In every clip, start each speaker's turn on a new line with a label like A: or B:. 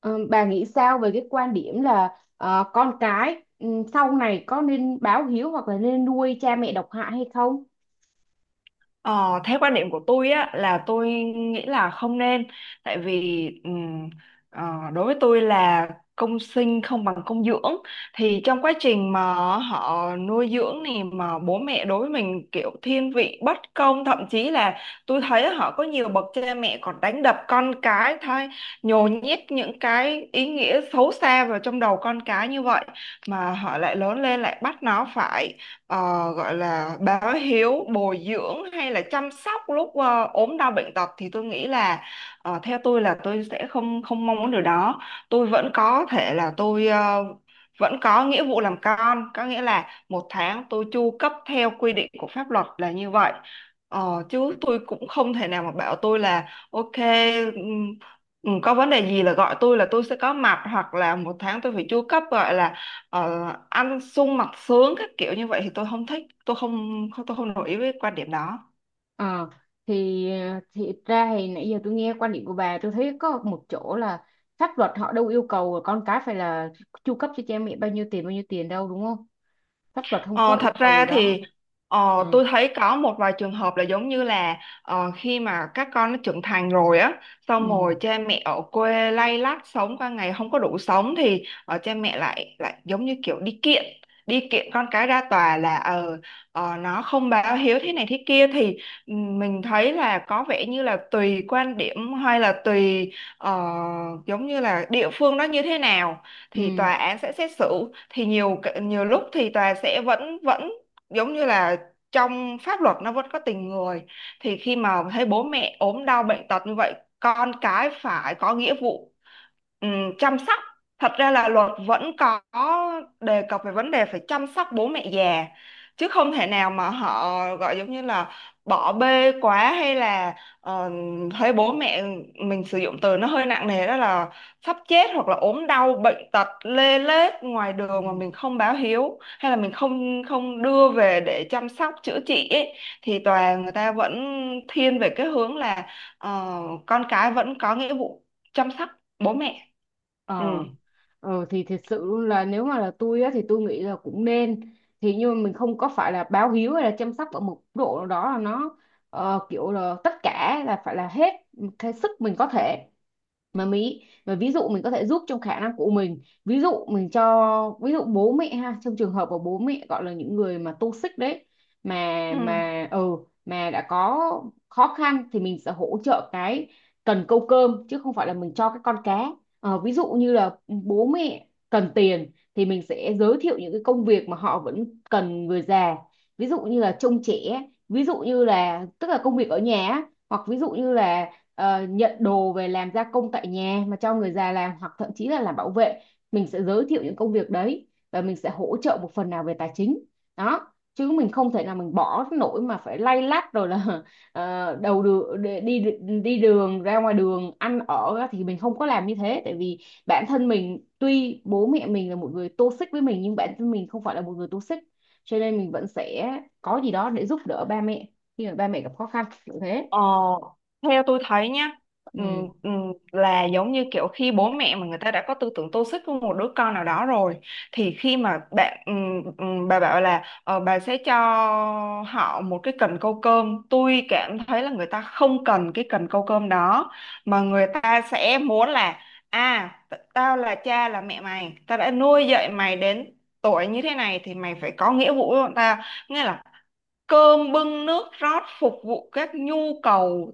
A: Ờ, bà nghĩ sao về cái quan điểm là con cái sau này có nên báo hiếu hoặc là nên nuôi cha mẹ độc hại hay không?
B: Ờ, theo quan điểm của tôi á là tôi nghĩ là không nên, tại vì ờ, đối với tôi là công sinh không bằng công dưỡng. Thì trong quá trình mà họ nuôi dưỡng này mà bố mẹ đối với mình kiểu thiên vị bất công, thậm chí là tôi thấy họ có nhiều bậc cha mẹ còn đánh đập con cái thôi, nhồi nhét những cái ý nghĩa xấu xa vào trong đầu con cái như vậy, mà họ lại lớn lên lại bắt nó phải gọi là báo hiếu, bồi dưỡng hay là chăm sóc lúc ốm đau bệnh tật, thì tôi nghĩ là theo tôi là tôi sẽ không không mong muốn điều đó. Tôi vẫn có thể là tôi vẫn có nghĩa vụ làm con, có nghĩa là một tháng tôi chu cấp theo quy định của pháp luật là như vậy. Ờ, chứ tôi cũng không thể nào mà bảo tôi là ok, ừm, có vấn đề gì là gọi tôi là tôi sẽ có mặt, hoặc là một tháng tôi phải chu cấp gọi là ờ, ăn sung mặc sướng các kiểu như vậy thì tôi không thích, tôi không nổi ý với quan điểm đó.
A: Ờ, thì thì ra thì nãy giờ tôi nghe quan điểm của bà, tôi thấy có một chỗ là pháp luật họ đâu yêu cầu là con cái phải là chu cấp cho cha mẹ bao nhiêu tiền, bao nhiêu tiền đâu, đúng không? Pháp luật không
B: Ờ,
A: có yêu
B: thật
A: cầu
B: ra
A: điều đó.
B: thì
A: Ừ.
B: tôi thấy có một vài trường hợp là giống như là khi mà các con nó trưởng thành rồi á, xong
A: Ừ.
B: rồi cha mẹ ở quê lay lắt sống qua ngày không có đủ sống, thì cha mẹ lại lại giống như kiểu đi kiện con cái ra tòa là nó không báo hiếu thế này thế kia. Thì mình thấy là có vẻ như là tùy quan điểm hay là tùy ờ, giống như là địa phương đó như thế nào thì
A: Ừ.
B: tòa án sẽ xét xử. Thì nhiều nhiều lúc thì tòa sẽ vẫn vẫn giống như là trong pháp luật nó vẫn có tình người, thì khi mà thấy bố mẹ ốm đau bệnh tật như vậy, con cái phải có nghĩa vụ ừm, chăm sóc. Thật ra là luật vẫn có đề cập về vấn đề phải chăm sóc bố mẹ già, chứ không thể nào mà họ gọi giống như là bỏ bê quá, hay là ờ, thấy bố mẹ, mình sử dụng từ nó hơi nặng nề đó là sắp chết hoặc là ốm đau bệnh tật lê lết ngoài đường, mà mình không báo hiếu hay là mình không không đưa về để chăm sóc chữa trị ấy, thì tòa người ta vẫn thiên về cái hướng là ờ, con cái vẫn có nghĩa vụ chăm sóc bố mẹ. Ừ.
A: Ờ, thì thật sự là nếu mà là tôi á thì tôi nghĩ là cũng nên, thì nhưng mà mình không có phải là báo hiếu hay là chăm sóc ở một mức độ nào đó là nó, kiểu là tất cả là phải là hết hết sức mình có thể, mà ví dụ mình có thể giúp trong khả năng của mình, ví dụ mình cho, ví dụ bố mẹ ha, trong trường hợp mà bố mẹ gọi là những người mà toxic đấy, mà
B: Ừ.
A: mà ừ mà đã có khó khăn thì mình sẽ hỗ trợ cái cần câu cơm chứ không phải là mình cho cái con cá. Ví dụ như là bố mẹ cần tiền thì mình sẽ giới thiệu những cái công việc mà họ vẫn cần người già, ví dụ như là trông trẻ, ví dụ như là tức là công việc ở nhà á, hoặc ví dụ như là nhận đồ về làm gia công tại nhà mà cho người già làm, hoặc thậm chí là làm bảo vệ. Mình sẽ giới thiệu những công việc đấy và mình sẽ hỗ trợ một phần nào về tài chính đó, chứ mình không thể nào mình bỏ nổi mà phải lay lắt rồi là đầu đường đi đi đi đường, ra ngoài đường ăn ở á, thì mình không có làm như thế tại vì bản thân mình tuy bố mẹ mình là một người toxic với mình nhưng bản thân mình không phải là một người toxic, cho nên mình vẫn sẽ có gì đó để giúp đỡ ba mẹ khi mà ba mẹ gặp khó khăn kiểu thế.
B: Ờ, theo tôi thấy nhá,
A: Ừ,
B: là giống như kiểu khi bố mẹ mà người ta đã có tư tưởng tô xích với một đứa con nào đó rồi, thì khi mà bạn bà bảo là ờ, bà sẽ cho họ một cái cần câu cơm, tôi cảm thấy là người ta không cần cái cần câu cơm đó, mà người ta sẽ muốn là à, tao là cha là mẹ mày, tao đã nuôi dạy mày đến tuổi như thế này thì mày phải có nghĩa vụ với bọn tao, nghĩa là cơm bưng nước rót phục vụ các nhu cầu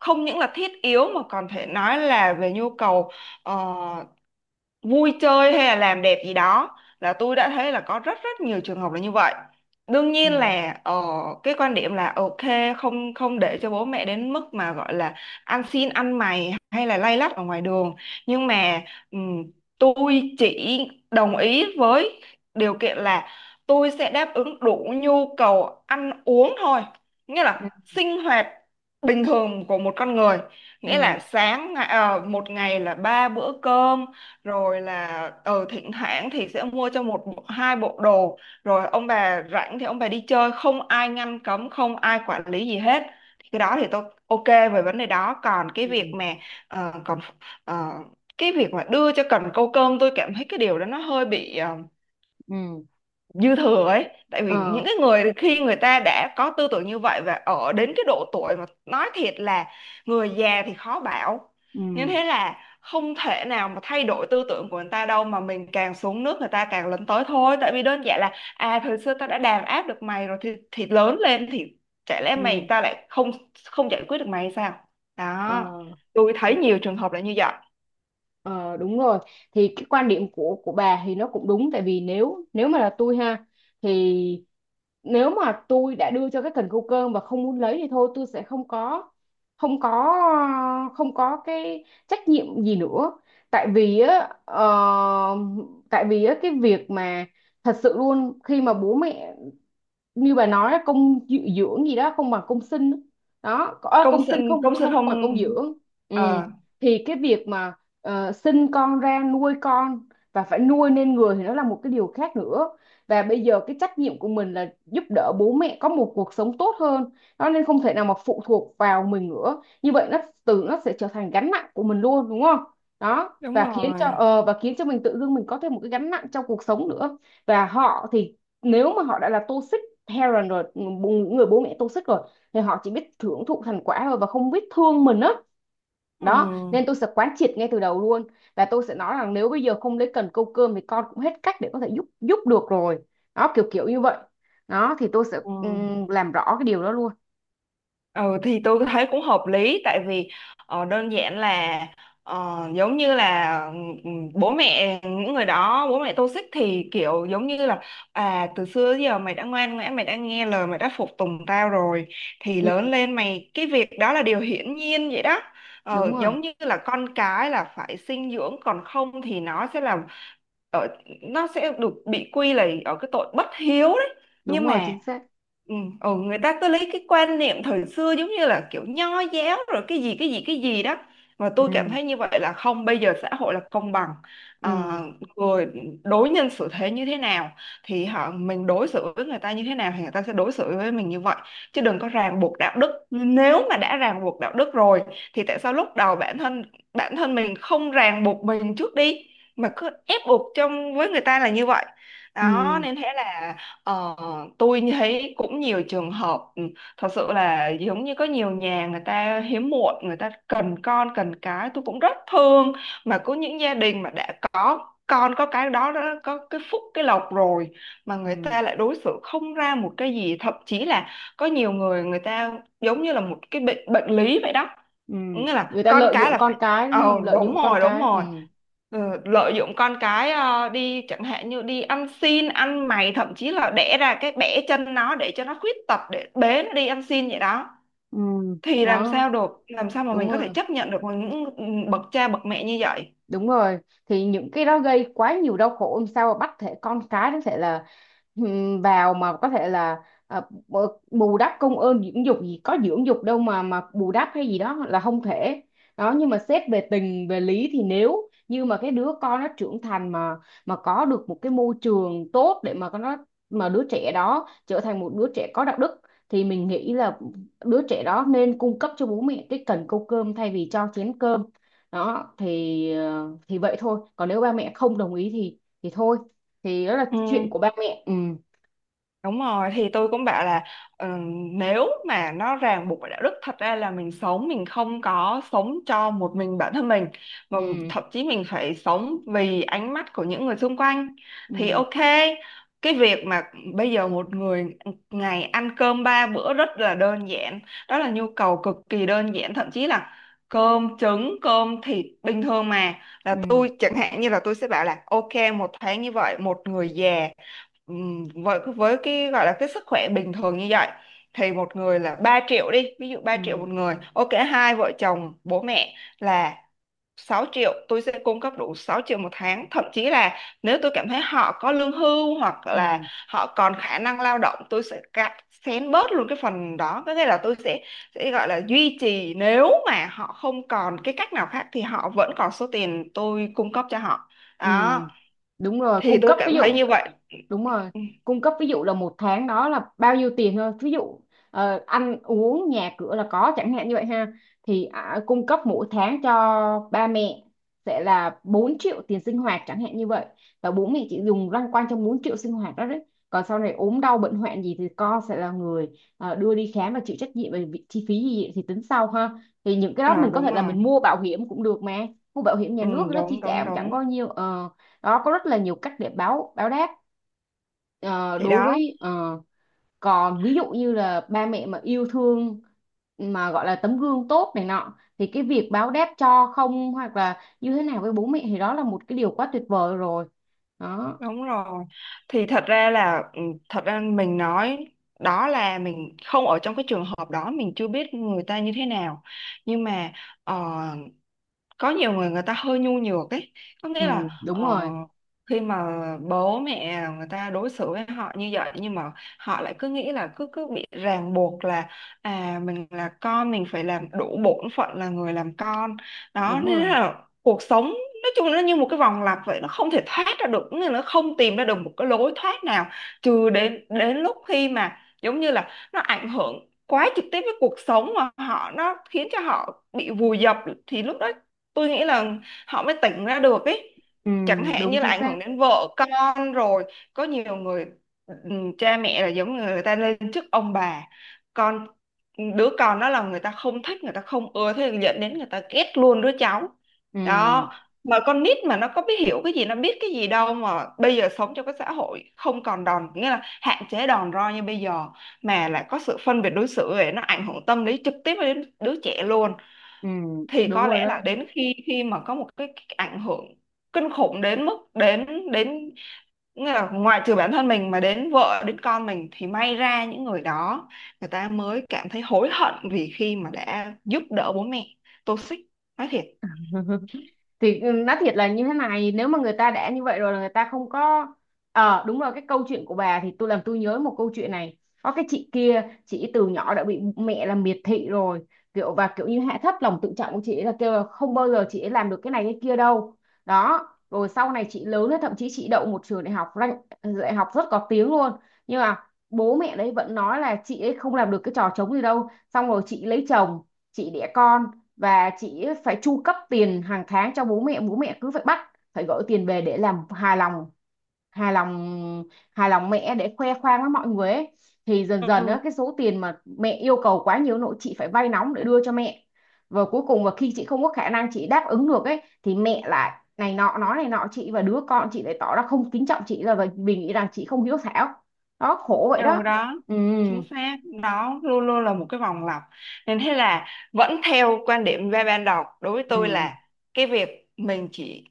B: không những là thiết yếu mà còn thể nói là về nhu cầu ờ, vui chơi hay là làm đẹp gì đó. Là tôi đã thấy là có rất rất nhiều trường hợp là như vậy. Đương nhiên
A: ừ.
B: là cái quan điểm là ok, không không để cho bố mẹ đến mức mà gọi là ăn xin ăn mày hay là lay lắt ở ngoài đường, nhưng mà ừm, tôi chỉ đồng ý với điều kiện là tôi sẽ đáp ứng đủ nhu cầu ăn uống thôi, nghĩa
A: Ừ.
B: là sinh hoạt bình thường của một con người, nghĩa
A: Ừ,
B: là một ngày là ba bữa cơm, rồi là ừ thỉnh thoảng thì sẽ mua cho hai bộ đồ, rồi ông bà rảnh thì ông bà đi chơi không ai ngăn cấm không ai quản lý gì hết. Thì cái đó thì tôi ok về vấn đề đó, còn cái
A: ừ,
B: việc mà ờ, còn ờ, cái việc mà đưa cho cần câu cơm, tôi cảm thấy cái điều đó nó hơi bị
A: ừ,
B: dư thừa ấy, tại vì
A: ờ,
B: những cái người khi người ta đã có tư tưởng như vậy và ở đến cái độ tuổi mà nói thiệt là người già thì khó bảo như
A: ừ,
B: thế, là không thể nào mà thay đổi tư tưởng của người ta đâu, mà mình càng xuống nước người ta càng lấn tới thôi, tại vì đơn giản là à, thời xưa tao đã đàn áp được mày rồi, thì lớn lên thì chả lẽ mày
A: ừ.
B: ta lại không không giải quyết được mày hay sao. Đó,
A: ờ
B: tôi thấy
A: Đúng,
B: nhiều trường hợp là như vậy.
A: ờ, đúng rồi. Thì cái quan điểm của bà thì nó cũng đúng, tại vì nếu nếu mà là tôi ha, thì nếu mà tôi đã đưa cho cái cần câu cơm và không muốn lấy thì thôi, tôi sẽ không có không có cái trách nhiệm gì nữa. tại vì á ờ, tại vì á cái việc mà thật sự luôn khi mà bố mẹ, như bà nói á, công dưỡng gì đó không bằng công sinh á. Đó à,
B: Công
A: công sinh
B: sinh,
A: không
B: công sinh
A: không không
B: không.
A: bằng công dưỡng. Ừ.
B: Ờ,
A: Thì cái việc mà sinh con ra nuôi con và phải nuôi nên người thì nó là một cái điều khác nữa, và bây giờ cái trách nhiệm của mình là giúp đỡ bố mẹ có một cuộc sống tốt hơn, nó nên không thể nào mà phụ thuộc vào mình nữa, như vậy nó từ nó sẽ trở thành gánh nặng của mình luôn, đúng không? Đó,
B: đúng
A: và khiến cho
B: rồi.
A: ờ, và khiến cho mình tự dưng mình có thêm một cái gánh nặng trong cuộc sống nữa. Và họ thì, nếu mà họ đã là toxic parent rồi, người bố mẹ toxic rồi, thì họ chỉ biết hưởng thụ thành quả thôi và không biết thương mình á đó.
B: Ừ.
A: Đó nên tôi sẽ quán triệt ngay từ đầu luôn, và tôi sẽ nói rằng nếu bây giờ không lấy cần câu cơm thì con cũng hết cách để có thể giúp giúp được rồi, đó, kiểu kiểu như vậy đó. Thì tôi sẽ
B: Ừ.
A: làm rõ cái điều đó luôn.
B: Ừ thì tôi thấy cũng hợp lý, tại vì đơn giản là giống như là bố mẹ những người đó, bố mẹ toxic thì kiểu giống như là à, từ xưa đến giờ mày đã ngoan ngoãn mày đã nghe lời mày đã phục tùng tao rồi, thì
A: Ừ,
B: lớn lên mày, cái việc đó là điều hiển nhiên vậy đó.
A: đúng
B: Ờ,
A: rồi,
B: giống như là con cái là phải sinh dưỡng, còn không thì nó sẽ là ở, nó sẽ được bị quy là ở cái tội bất hiếu đấy. Nhưng
A: đúng rồi,
B: mà
A: chính xác.
B: ừ, ừ, người ta cứ lấy cái quan niệm thời xưa giống như là kiểu nho giáo rồi cái gì cái gì cái gì đó, mà tôi cảm
A: Ừ,
B: thấy như vậy là không, bây giờ xã hội là công bằng.
A: ừ,
B: À, người đối nhân xử thế như thế nào, thì họ mình đối xử với người ta như thế nào thì người ta sẽ đối xử với mình như vậy, chứ đừng có ràng buộc đạo đức. Nếu mà đã ràng buộc đạo đức rồi thì tại sao lúc đầu bản thân mình không ràng buộc mình trước đi, mà cứ ép buộc trong với người ta là như vậy. Đó
A: ừ,
B: nên thế là Ờ, tôi thấy cũng nhiều trường hợp ừ, thật sự là giống như có nhiều nhà người ta hiếm muộn, người ta cần con cần cái, tôi cũng rất thương, mà có những gia đình mà đã có con có cái đó, đó có cái phúc cái lộc rồi, mà người
A: ừ,
B: ta lại đối xử không ra một cái gì, thậm chí là có nhiều người, người ta giống như là một cái bệnh, bệnh lý vậy đó,
A: ừ.
B: nghĩa là
A: Người ta
B: con
A: lợi
B: cái
A: dụng
B: là
A: con
B: phải.
A: cái đúng
B: Ờ
A: không, lợi
B: đúng
A: dụng con
B: rồi, đúng
A: cái. Ừ,
B: rồi. Ừ, lợi dụng con cái đi chẳng hạn như đi ăn xin ăn mày, thậm chí là đẻ ra cái bẻ chân nó để cho nó khuyết tật để bế nó đi ăn xin vậy đó,
A: ừ,
B: thì làm
A: đó,
B: sao được, làm sao mà
A: đúng
B: mình có
A: rồi,
B: thể chấp nhận được những bậc cha bậc mẹ như vậy.
A: đúng rồi. Thì những cái đó gây quá nhiều đau khổ, làm sao mà bắt thể con cái nó thể là vào mà có thể là à, bù bù đắp công ơn dưỡng dục gì, có dưỡng dục đâu mà bù đắp hay gì đó, là không thể. Đó, nhưng mà xét về tình về lý thì nếu như mà cái đứa con nó trưởng thành, mà có được một cái môi trường tốt để mà con nó mà đứa trẻ đó trở thành một đứa trẻ có đạo đức, thì mình nghĩ là đứa trẻ đó nên cung cấp cho bố mẹ cái cần câu cơm thay vì cho chén cơm. Đó thì thì vậy thôi, còn nếu ba mẹ không đồng ý thì thôi, thì đó là
B: Ừ.
A: chuyện của ba mẹ. Ừ,
B: Đúng rồi, thì tôi cũng bảo là ờ, nếu mà nó ràng buộc bởi đạo đức, thật ra là mình sống mình không có sống cho một mình bản thân mình, mà
A: ừ,
B: thậm chí mình phải sống vì ánh mắt của những người xung quanh, thì
A: ừ,
B: ok, cái việc mà bây giờ một người ngày ăn cơm ba bữa rất là đơn giản, đó là nhu cầu cực kỳ đơn giản, thậm chí là cơm trứng cơm thịt bình thường mà, là
A: ừ,
B: tôi chẳng hạn như là tôi sẽ bảo là ok, một tháng như vậy một người già, ừm, với cái gọi là cái sức khỏe bình thường như vậy, thì một người là 3 triệu đi, ví dụ 3 triệu
A: ừ,
B: một người, ok hai vợ chồng bố mẹ là 6 triệu, tôi sẽ cung cấp đủ 6 triệu một tháng. Thậm chí là nếu tôi cảm thấy họ có lương hưu hoặc là
A: ừ,
B: họ còn khả năng lao động, tôi sẽ cắt xén bớt luôn cái phần đó, có nghĩa là tôi sẽ gọi là duy trì, nếu mà họ không còn cái cách nào khác thì họ vẫn còn số tiền tôi cung cấp cho họ.
A: ừ.
B: Đó
A: Đúng rồi,
B: thì
A: cung
B: tôi
A: cấp ví
B: cảm
A: dụ.
B: thấy như vậy.
A: Đúng rồi,
B: Ừ.
A: cung cấp ví dụ là một tháng đó là bao nhiêu tiền thôi, ví dụ ăn uống nhà cửa là có chẳng hạn như vậy ha. Thì à, cung cấp mỗi tháng cho ba mẹ sẽ là 4 triệu tiền sinh hoạt chẳng hạn như vậy, và bố mẹ chỉ dùng loanh quanh trong 4 triệu sinh hoạt đó đấy. Còn sau này ốm đau bệnh hoạn gì thì con sẽ là người đưa đi khám và chịu trách nhiệm về chi phí gì thì tính sau ha. Thì những cái đó
B: Ờ
A: mình có
B: đúng
A: thể là
B: rồi.
A: mình mua bảo hiểm cũng được mà, mua bảo hiểm nhà
B: Ừ,
A: nước nó chi
B: đúng
A: trả
B: đúng
A: cũng chẳng
B: đúng.
A: có nhiều. Ờ, đó có rất là nhiều cách để báo báo đáp. Ờ,
B: Thì
A: đối
B: đó,
A: với ờ, còn ví dụ như là ba mẹ mà yêu thương, mà gọi là tấm gương tốt này nọ, thì cái việc báo đáp cho không hoặc là như thế nào với bố mẹ thì đó là một cái điều quá tuyệt vời rồi đó.
B: đúng rồi. Thì thật ra là ừ, thật ra mình nói đó là mình không ở trong cái trường hợp đó, mình chưa biết người ta như thế nào. Nhưng mà ờ, có nhiều người, người ta hơi nhu nhược ấy, có
A: Ừ,
B: nghĩa là
A: đúng rồi,
B: khi mà bố mẹ người ta đối xử với họ như vậy, nhưng mà họ lại cứ nghĩ là cứ cứ bị ràng buộc là à, mình là con mình phải làm đủ bổn phận là người làm con. Đó
A: đúng
B: nên
A: rồi.
B: là cuộc sống nói chung nó như một cái vòng lặp vậy, nó không thể thoát ra được, nghĩa là nó không tìm ra được một cái lối thoát nào, trừ đến đến lúc khi mà giống như là nó ảnh hưởng quá trực tiếp với cuộc sống mà họ, nó khiến cho họ bị vùi dập, thì lúc đó tôi nghĩ là họ mới tỉnh ra được ấy,
A: Ừ,
B: chẳng hạn
A: đúng
B: như là
A: chính
B: ảnh
A: xác.
B: hưởng đến vợ con rồi. Có nhiều người ừ, cha mẹ là giống như người ta lên chức ông bà, con, đứa con đó là người ta không thích người ta không ưa, thế là dẫn đến người ta ghét luôn đứa cháu
A: Ừ,
B: đó, mà con nít mà nó có biết hiểu cái gì, nó biết cái gì đâu, mà bây giờ sống trong cái xã hội không còn đòn, nghĩa là hạn chế đòn roi như bây giờ, mà lại có sự phân biệt đối xử ấy, nó ảnh hưởng tâm lý trực tiếp đến đứa trẻ luôn.
A: ừ,
B: Thì
A: đúng
B: có
A: rồi
B: lẽ là
A: đó.
B: đến khi khi mà có một cái ảnh hưởng kinh khủng đến mức đến đến nghĩa là ngoại trừ bản thân mình mà đến vợ đến con mình, thì may ra những người đó, người ta mới cảm thấy hối hận vì khi mà đã giúp đỡ bố mẹ toxic, nói thiệt.
A: Thì ừ, nói thiệt là như thế này, nếu mà người ta đã như vậy rồi là người ta không có. Ờ, đúng rồi, cái câu chuyện của bà thì tôi nhớ một câu chuyện này. Có cái chị kia, chị từ nhỏ đã bị mẹ làm miệt thị rồi, kiểu và kiểu như hạ thấp lòng tự trọng của chị ấy, là kêu là không bao giờ chị ấy làm được cái này cái kia đâu. Đó, rồi sau này chị lớn lên, thậm chí chị đậu một trường đại học đại học rất có tiếng luôn. Nhưng mà bố mẹ đấy vẫn nói là chị ấy không làm được cái trò trống gì đâu. Xong rồi chị lấy chồng, chị đẻ con, và chị phải chu cấp tiền hàng tháng cho bố mẹ. Bố mẹ cứ phải bắt phải gửi tiền về để làm hài lòng hài lòng mẹ để khoe khoang với mọi người ấy. Thì dần dần
B: Ừ,
A: á, cái số tiền mà mẹ yêu cầu quá nhiều, nội chị phải vay nóng để đưa cho mẹ. Và cuối cùng, và khi chị không có khả năng chị đáp ứng được ấy thì mẹ lại này nọ nói này nọ, chị và đứa con chị lại tỏ ra không kính trọng chị, là vì vì nghĩ rằng chị không hiếu thảo. Đó, khổ vậy
B: ừ.
A: đó.
B: Đó,
A: Ừ,
B: chính xác đó, luôn luôn là một cái vòng lặp, nên thế là vẫn theo quan điểm về ban đầu, đối với
A: ừ,
B: tôi là cái việc mình chỉ,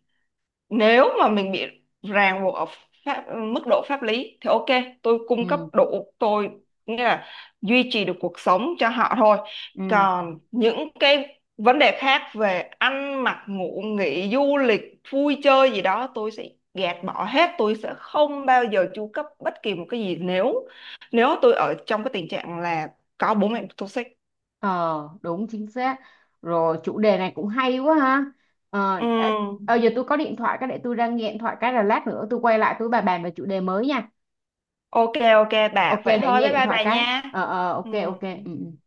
B: nếu mà mình bị ràng buộc ở pháp, mức độ pháp lý, thì ok tôi cung cấp
A: ừ,
B: đủ, tôi nghĩa là duy trì được cuộc sống cho họ thôi,
A: ừ.
B: còn những cái vấn đề khác về ăn mặc ngủ nghỉ du lịch vui chơi gì đó, tôi sẽ gạt bỏ hết, tôi sẽ không bao giờ chu cấp bất kỳ một cái gì nếu, nếu tôi ở trong cái tình trạng là có bố mẹ toxic.
A: Ờ, đúng chính xác. Rồi, chủ đề này cũng hay quá ha. Ờ
B: Ừ,
A: ê, giờ tôi có điện thoại cái để tôi ra nghe điện thoại cái, là lát nữa tôi quay lại tôi bà bàn về chủ đề mới nha.
B: ok ok
A: Ok,
B: bà, vậy
A: để
B: thôi
A: nghe
B: bye
A: điện
B: bye
A: thoại
B: bà
A: cái.
B: nha.
A: Ờ, ờ, ok,
B: Ừ.
A: ok, ừ, ừ.